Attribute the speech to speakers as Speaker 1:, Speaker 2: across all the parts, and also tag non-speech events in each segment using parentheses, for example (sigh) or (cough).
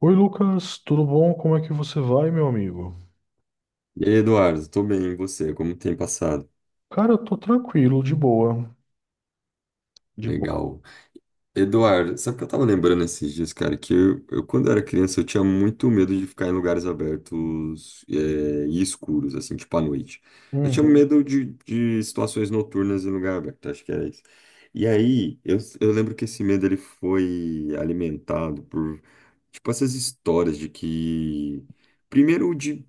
Speaker 1: Oi Lucas, tudo bom? Como é que você vai, meu amigo?
Speaker 2: E aí, Eduardo, tô bem, e você? Como tem passado?
Speaker 1: Cara, eu tô tranquilo, de boa, de boa.
Speaker 2: Legal. Eduardo, sabe o que eu tava lembrando esses dias, cara? Que eu, quando eu era criança, eu tinha muito medo de ficar em lugares abertos, e escuros, assim, tipo à noite. Eu tinha
Speaker 1: Uhum,
Speaker 2: medo de situações noturnas em lugar aberto, acho que era isso. E aí, eu lembro que esse medo, ele foi alimentado por, tipo, essas histórias de que... Primeiro, de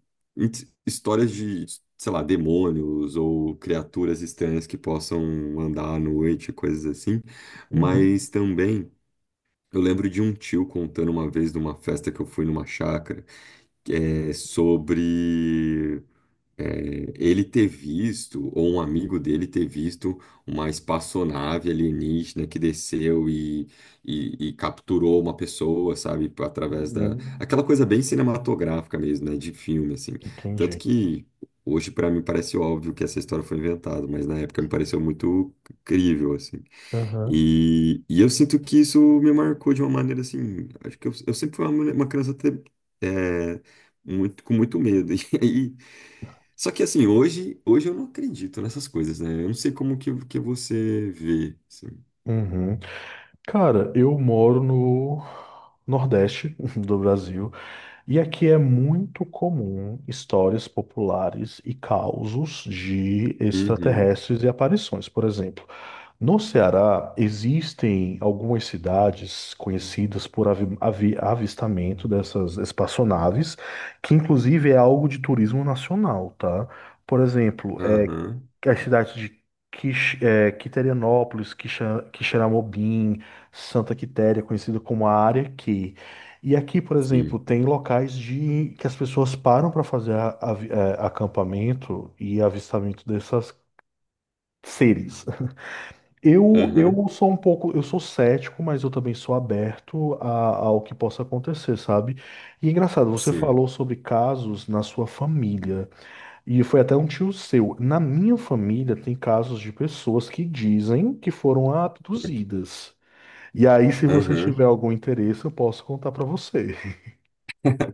Speaker 2: histórias de, sei lá, demônios ou criaturas estranhas que possam andar à noite, coisas assim.
Speaker 1: uhum,
Speaker 2: Mas também eu lembro de um tio contando uma vez de uma festa que eu fui numa chácara, que é sobre ele ter visto, ou um amigo dele ter visto, uma espaçonave alienígena que desceu e capturou uma pessoa, sabe, através da.
Speaker 1: uhum.
Speaker 2: Aquela coisa bem cinematográfica mesmo, né, de filme, assim. Tanto
Speaker 1: Entendi.
Speaker 2: que. Hoje, para mim, parece óbvio que essa história foi inventada, mas na época me pareceu muito crível, assim.
Speaker 1: Uhum,
Speaker 2: E eu sinto que isso me marcou de uma maneira assim. Acho que eu sempre fui uma criança é, muito, com muito medo. (laughs) E aí, só que assim, hoje eu não acredito nessas coisas, né? Eu não sei como que você vê. Assim.
Speaker 1: uhum. Cara, eu moro no Nordeste (laughs) do Brasil, e aqui é muito comum histórias populares e causos de
Speaker 2: Uhum,
Speaker 1: extraterrestres e aparições, por exemplo. No Ceará, existem algumas cidades conhecidas por avistamento dessas espaçonaves, que inclusive é algo de turismo nacional, tá? Por exemplo,
Speaker 2: aham,
Speaker 1: as cidades de Quiterianópolis, Quixeramobim, Santa Quitéria, conhecida como a Área Q. E aqui, por
Speaker 2: sim,
Speaker 1: exemplo, tem locais de que as pessoas param para fazer acampamento e avistamento dessas seres. Eu,
Speaker 2: aham,
Speaker 1: eu sou um pouco, eu sou cético, mas eu também sou aberto ao que possa acontecer, sabe? E é engraçado, você
Speaker 2: sim,
Speaker 1: falou sobre casos na sua família, e foi até um tio seu. Na minha família tem casos de pessoas que dizem que foram abduzidas. E aí, se você
Speaker 2: aham.
Speaker 1: tiver algum interesse, eu posso contar pra você.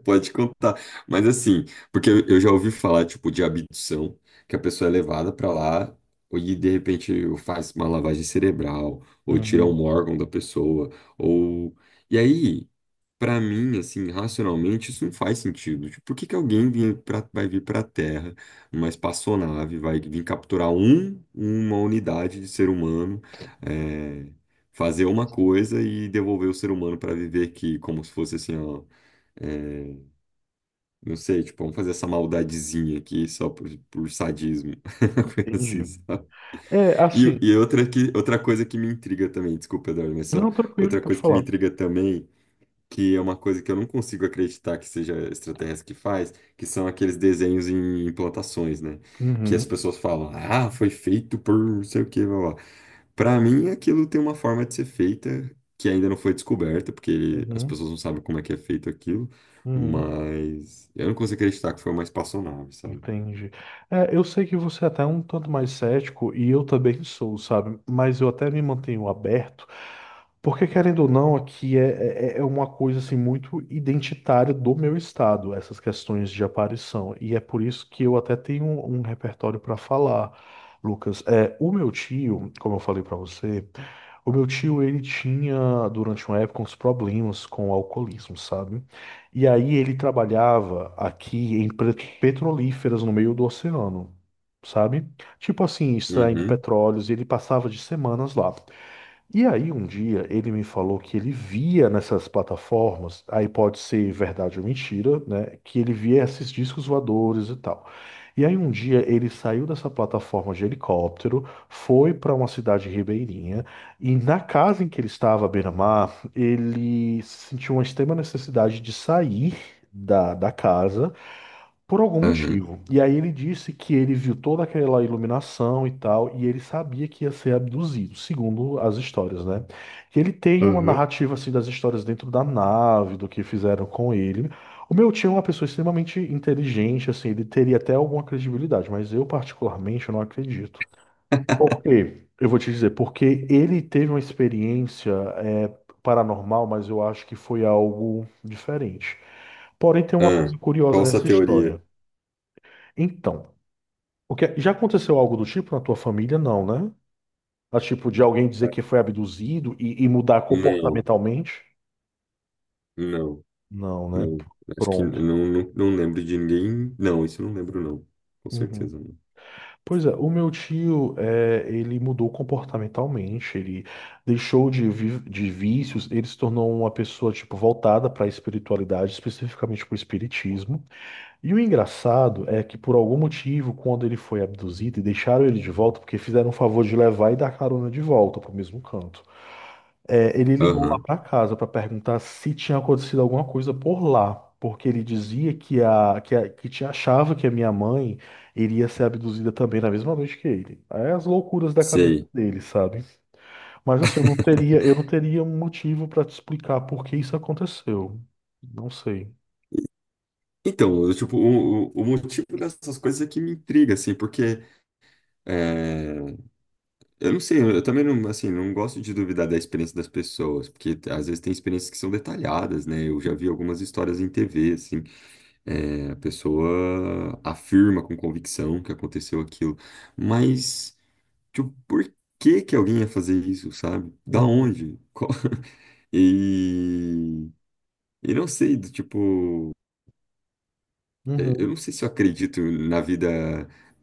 Speaker 2: Pode contar. Mas assim, porque eu já ouvi falar, tipo, de abdução, que a pessoa é levada pra lá e de repente faz uma lavagem cerebral, ou tira
Speaker 1: Uhum,
Speaker 2: um órgão da pessoa, ou. E aí, pra mim, assim, racionalmente, isso não faz sentido. Tipo, por que que alguém vinha pra... vai vir pra Terra, uma espaçonave, vai vir capturar um, uma unidade de ser humano, é, fazer uma coisa e devolver o ser humano pra viver aqui, como se fosse assim, ó. eh, não sei, tipo, vamos fazer essa maldadezinha aqui só por sadismo. (laughs) Coisa assim,
Speaker 1: entendi.
Speaker 2: sabe?
Speaker 1: É, assim,
Speaker 2: Outra coisa que me intriga também, desculpa, Eduardo, mas só
Speaker 1: não, tranquilo,
Speaker 2: outra
Speaker 1: pode
Speaker 2: coisa que me
Speaker 1: falar.
Speaker 2: intriga também, que é uma coisa que eu não consigo acreditar que seja extraterrestre que faz, que são aqueles desenhos em plantações, né? Que as
Speaker 1: Uhum,
Speaker 2: pessoas falam, ah, foi feito por não sei o quê, blá, blá. Para mim, aquilo tem uma forma de ser feita que ainda não foi descoberta, porque as
Speaker 1: uhum,
Speaker 2: pessoas não sabem como é que é feito aquilo,
Speaker 1: uhum.
Speaker 2: mas eu não consigo acreditar que foi uma espaçonave, sabe?
Speaker 1: Entendi. É, eu sei que você é até um tanto mais cético, e eu também sou, sabe? Mas eu até me mantenho aberto, porque querendo ou não, aqui é, é uma coisa assim muito identitária do meu estado, essas questões de aparição. E é por isso que eu até tenho um repertório para falar, Lucas. É, o meu tio, como eu falei para você, o meu tio ele tinha durante uma época uns problemas com o alcoolismo, sabe? E aí ele trabalhava aqui em petrolíferas no meio do oceano, sabe? Tipo assim, extraindo
Speaker 2: Uhum,
Speaker 1: petróleos, e ele passava de semanas lá. E aí, um dia, ele me falou que ele via nessas plataformas, aí pode ser verdade ou mentira, né? Que ele via esses discos voadores e tal. E aí, um dia, ele saiu dessa plataforma de helicóptero, foi para uma cidade ribeirinha, e na casa em que ele estava, à beira-mar, ele sentiu uma extrema necessidade de sair da casa por algum
Speaker 2: aham,
Speaker 1: motivo. E aí ele disse que ele viu toda aquela iluminação e tal, e ele sabia que ia ser abduzido, segundo as histórias, né? Que ele tem uma
Speaker 2: aham.
Speaker 1: narrativa assim das histórias dentro da nave, do que fizeram com ele. O meu tio é uma pessoa extremamente inteligente, assim, ele teria até alguma credibilidade, mas eu particularmente não acredito. Por quê? Eu vou te dizer, porque ele teve uma experiência é, paranormal, mas eu acho que foi algo diferente. Porém, tem uma
Speaker 2: Ah,
Speaker 1: coisa curiosa
Speaker 2: qual essa
Speaker 1: nessa
Speaker 2: teoria?
Speaker 1: história. Então, porque já aconteceu algo do tipo na tua família? Não, né? Ah, tipo, de alguém dizer
Speaker 2: Ah,
Speaker 1: que foi abduzido e mudar
Speaker 2: não,
Speaker 1: comportamentalmente?
Speaker 2: não,
Speaker 1: Não, né?
Speaker 2: não. Acho que
Speaker 1: Pronto.
Speaker 2: não, não lembro de ninguém. Não, isso eu não lembro, não. Com
Speaker 1: Uhum.
Speaker 2: certeza não.
Speaker 1: Pois é, o meu tio, é, ele mudou comportamentalmente, ele deixou de vícios, ele se tornou uma pessoa, tipo, voltada para a espiritualidade, especificamente para o espiritismo. E o engraçado é que, por algum motivo, quando ele foi abduzido e deixaram ele de volta, porque fizeram o favor de levar e dar carona de volta para o mesmo canto. É, ele ligou lá
Speaker 2: Aham,
Speaker 1: para casa para perguntar se tinha acontecido alguma coisa por lá, porque ele dizia que achava que a minha mãe iria ser abduzida também na mesma noite que ele. É as loucuras da cabeça
Speaker 2: sei.
Speaker 1: dele, sabe? Mas assim, eu não teria um motivo para te explicar por que isso aconteceu. Não sei.
Speaker 2: Então, eu, tipo, o motivo dessas coisas é que me intriga, assim, porque eh, eu não sei, eu também não, assim, não gosto de duvidar da experiência das pessoas, porque às vezes tem experiências que são detalhadas, né? Eu já vi algumas histórias em TV, assim, a pessoa afirma com convicção que aconteceu aquilo, mas, tipo, por que que alguém ia fazer isso, sabe? Da
Speaker 1: Uhum,
Speaker 2: onde? (laughs) E, e não sei, do tipo eu não
Speaker 1: uhum,
Speaker 2: sei se eu acredito na vida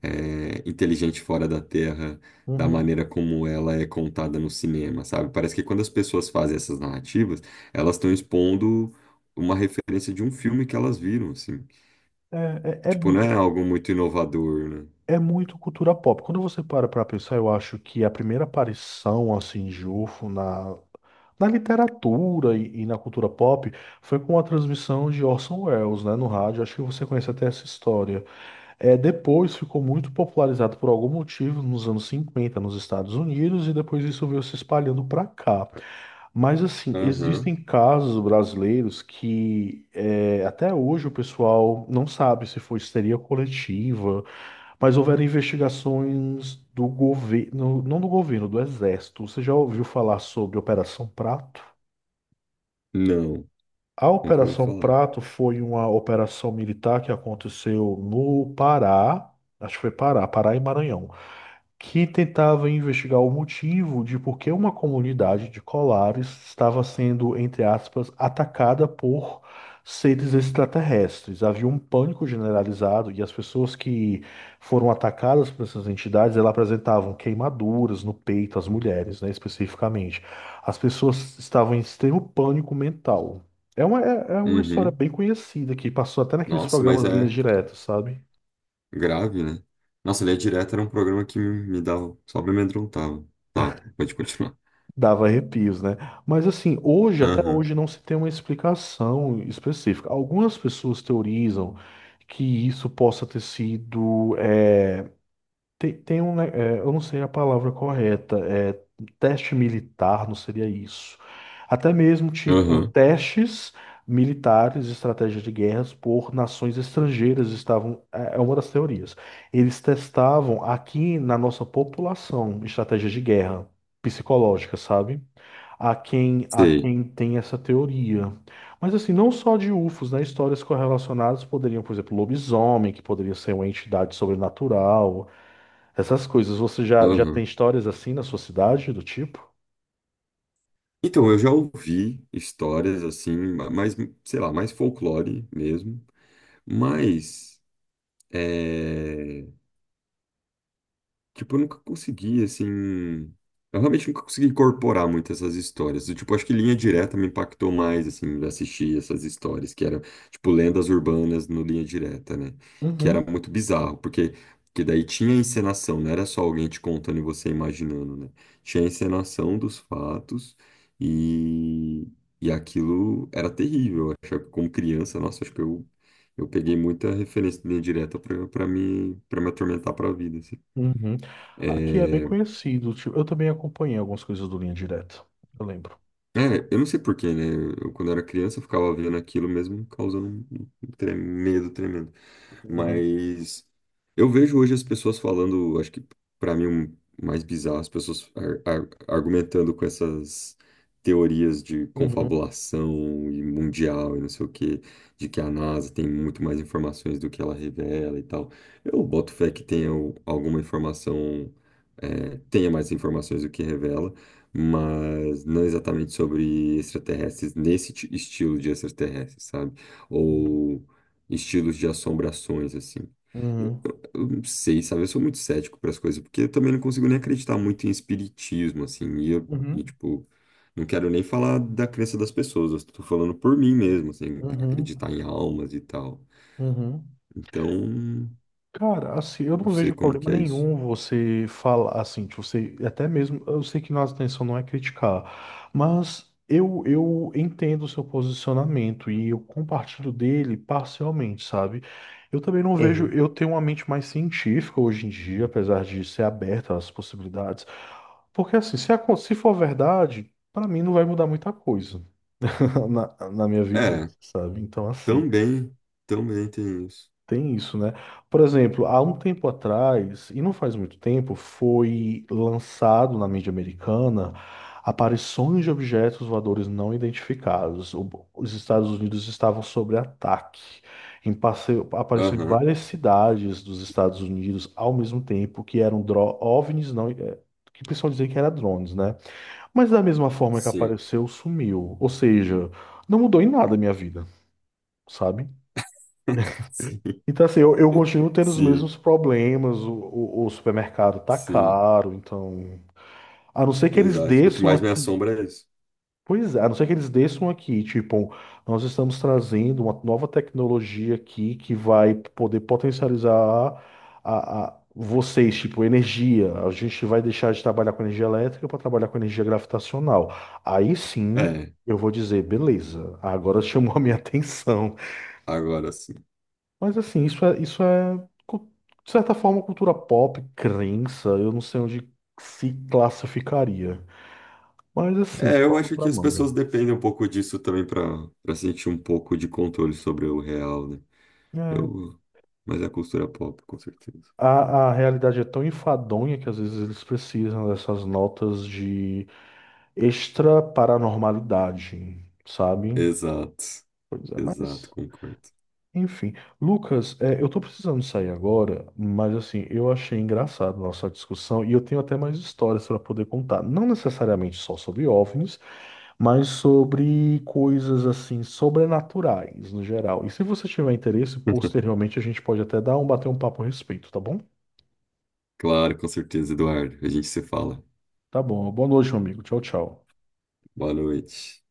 Speaker 2: inteligente fora da Terra, da
Speaker 1: uhum.
Speaker 2: maneira como ela é contada no cinema, sabe? Parece que quando as pessoas fazem essas narrativas, elas estão expondo uma referência de um filme que elas viram, assim.
Speaker 1: É, é,
Speaker 2: Tipo, não é
Speaker 1: é
Speaker 2: algo muito inovador, né?
Speaker 1: É muito cultura pop. Quando você para para pensar, eu acho que a primeira aparição, assim, de UFO na, literatura e na cultura pop foi com a transmissão de Orson Welles, né, no rádio. Acho que você conhece até essa história. É, depois ficou muito popularizado por algum motivo nos anos 50 nos Estados Unidos, e depois isso veio se espalhando para cá. Mas assim,
Speaker 2: Aham.
Speaker 1: existem casos brasileiros que é, até hoje o pessoal não sabe se foi histeria coletiva, mas houveram investigações do governo, não do governo, do exército. Você já ouviu falar sobre Operação Prato?
Speaker 2: Não,
Speaker 1: A
Speaker 2: nunca ouvi
Speaker 1: Operação
Speaker 2: falar.
Speaker 1: Prato foi uma operação militar que aconteceu no Pará, acho que foi Pará, Pará e Maranhão, que tentava investigar o motivo de por que uma comunidade de colares estava sendo, entre aspas, atacada por seres extraterrestres. Havia um pânico generalizado, e as pessoas que foram atacadas por essas entidades, elas apresentavam queimaduras no peito, as mulheres, né, especificamente. As pessoas estavam em extremo pânico mental. É uma uma história
Speaker 2: Uhum.
Speaker 1: bem conhecida que passou até naqueles
Speaker 2: Nossa, mas
Speaker 1: programas Linhas
Speaker 2: é
Speaker 1: Diretas, sabe?
Speaker 2: grave, né? Nossa, Linha Direta era um programa que me dava, só me amedrontava. Tá, pode continuar.
Speaker 1: Dava arrepios, né? Mas assim, hoje, até
Speaker 2: Aham,
Speaker 1: hoje, não se tem uma explicação específica. Algumas pessoas teorizam que isso possa ter sido. É, tem um, né, é, eu não sei a palavra correta, é, teste militar, não seria isso. Até mesmo, tipo,
Speaker 2: aham,
Speaker 1: testes militares, estratégias de guerras por nações estrangeiras estavam. É é uma das teorias. Eles testavam aqui na nossa população estratégias de guerra psicológica, sabe? A
Speaker 2: sei.
Speaker 1: quem tem essa teoria. Mas assim, não só de UFOs, né? Histórias correlacionadas poderiam, por exemplo, lobisomem, que poderia ser uma entidade sobrenatural, essas coisas. Você já tem
Speaker 2: Aham.
Speaker 1: histórias assim na sua cidade, do tipo?
Speaker 2: Então, eu já ouvi histórias assim, mais, sei lá, mais folclore mesmo, mas eh, tipo, eu nunca consegui, assim. Eu realmente nunca consegui incorporar muito essas histórias. Eu, tipo, acho que Linha Direta me impactou mais, assim, assistir essas histórias, que era, tipo, lendas urbanas no Linha Direta, né? Que era
Speaker 1: Uhum.
Speaker 2: muito bizarro, porque, porque daí tinha encenação, não era só alguém te contando e você imaginando, né? Tinha a encenação dos fatos e, e aquilo era terrível. Eu achava que como criança, nossa, acho que eu peguei muita referência de Linha Direta pra me atormentar pra vida, assim.
Speaker 1: Uhum. Aqui é bem conhecido. Tipo, eu também acompanhei algumas coisas do Linha Direta. Eu lembro.
Speaker 2: É, eu não sei porquê, né? Eu, quando era criança, eu ficava vendo aquilo mesmo, me causando um medo tremendo.
Speaker 1: Uhum.
Speaker 2: Mas eu vejo hoje as pessoas falando, acho que para mim o mais bizarro, as pessoas argumentando com essas teorias de
Speaker 1: Uhum.
Speaker 2: confabulação e mundial e não sei o quê, de que a NASA tem muito mais informações do que ela revela e tal. Eu boto fé que tenha alguma informação, é, tenha mais informações do que revela, mas não exatamente sobre extraterrestres, nesse estilo de extraterrestres, sabe? Ou estilos de assombrações, assim.
Speaker 1: Uhum.
Speaker 2: Eu não sei, sabe? Eu sou muito cético para as coisas, porque eu também não consigo nem acreditar muito em espiritismo, assim. E, eu, e,
Speaker 1: Uhum.
Speaker 2: tipo, não quero nem falar da crença das pessoas, eu estou falando por mim mesmo, assim,
Speaker 1: Uhum. Uhum.
Speaker 2: acreditar em almas e tal.
Speaker 1: Uhum.
Speaker 2: Então,
Speaker 1: Cara, assim, eu
Speaker 2: não
Speaker 1: não
Speaker 2: sei
Speaker 1: vejo
Speaker 2: como
Speaker 1: problema
Speaker 2: que é isso.
Speaker 1: nenhum você falar, assim, de você, até mesmo, eu sei que nossa intenção não é criticar, mas eu entendo o seu posicionamento e eu compartilho dele parcialmente, sabe? Eu também não vejo,
Speaker 2: Aham.
Speaker 1: eu tenho uma mente mais científica hoje em dia, apesar de ser aberta às possibilidades, porque assim, se, se for verdade, pra mim não vai mudar muita coisa (laughs) na, minha
Speaker 2: É,
Speaker 1: vivência, sabe? Então, assim.
Speaker 2: também, também tem isso.
Speaker 1: Tem isso, né? Por exemplo, há um tempo atrás, e não faz muito tempo, foi lançado na mídia americana aparições de objetos voadores não identificados. Os Estados Unidos estavam sob ataque. Em passeio, apareceu em
Speaker 2: Aham,
Speaker 1: várias cidades dos Estados Unidos ao mesmo tempo que eram OVNIs, não, é, que o pessoal dizia que era drones, né? Mas da mesma forma que
Speaker 2: sim.
Speaker 1: apareceu, sumiu. Ou seja, não mudou em nada a minha vida, sabe?
Speaker 2: (laughs) Sim,
Speaker 1: Então, assim, eu continuo tendo os
Speaker 2: sim,
Speaker 1: mesmos problemas. O supermercado tá
Speaker 2: sim,
Speaker 1: caro, então. A não ser que eles
Speaker 2: exato. O que
Speaker 1: desçam
Speaker 2: mais me
Speaker 1: aqui.
Speaker 2: assombra é isso.
Speaker 1: Pois é, a não ser que eles desçam aqui. Tipo, nós estamos trazendo uma nova tecnologia aqui que vai poder potencializar a vocês, tipo, energia. A gente vai deixar de trabalhar com energia elétrica para trabalhar com energia gravitacional. Aí sim,
Speaker 2: É,
Speaker 1: eu vou dizer, beleza, agora (laughs) chamou a minha atenção.
Speaker 2: agora sim.
Speaker 1: Mas assim, isso é, cu- de certa forma, cultura pop, crença, eu não sei onde se classificaria. Mas assim,
Speaker 2: É, eu
Speaker 1: pano
Speaker 2: acho que
Speaker 1: pra
Speaker 2: as
Speaker 1: manga.
Speaker 2: pessoas dependem um pouco disso também para para sentir um pouco de controle sobre o real, né?
Speaker 1: É.
Speaker 2: Eu... Mas é a cultura pop, com certeza.
Speaker 1: A, a realidade é tão enfadonha que às vezes eles precisam dessas notas de extra paranormalidade, sabe?
Speaker 2: Exato,
Speaker 1: Pois é,
Speaker 2: exato,
Speaker 1: mas.
Speaker 2: concordo.
Speaker 1: Enfim. Lucas, é, eu tô precisando sair agora, mas assim, eu achei engraçado a nossa discussão, e eu tenho até mais histórias para poder contar. Não necessariamente só sobre OVNIs, mas sobre coisas assim sobrenaturais no geral. E se você tiver interesse,
Speaker 2: (laughs)
Speaker 1: posteriormente a gente pode até dar um bater um papo a respeito, tá bom?
Speaker 2: Claro, com certeza, Eduardo. A gente se fala.
Speaker 1: Tá bom. Boa noite, meu amigo. Tchau, tchau.
Speaker 2: Boa noite.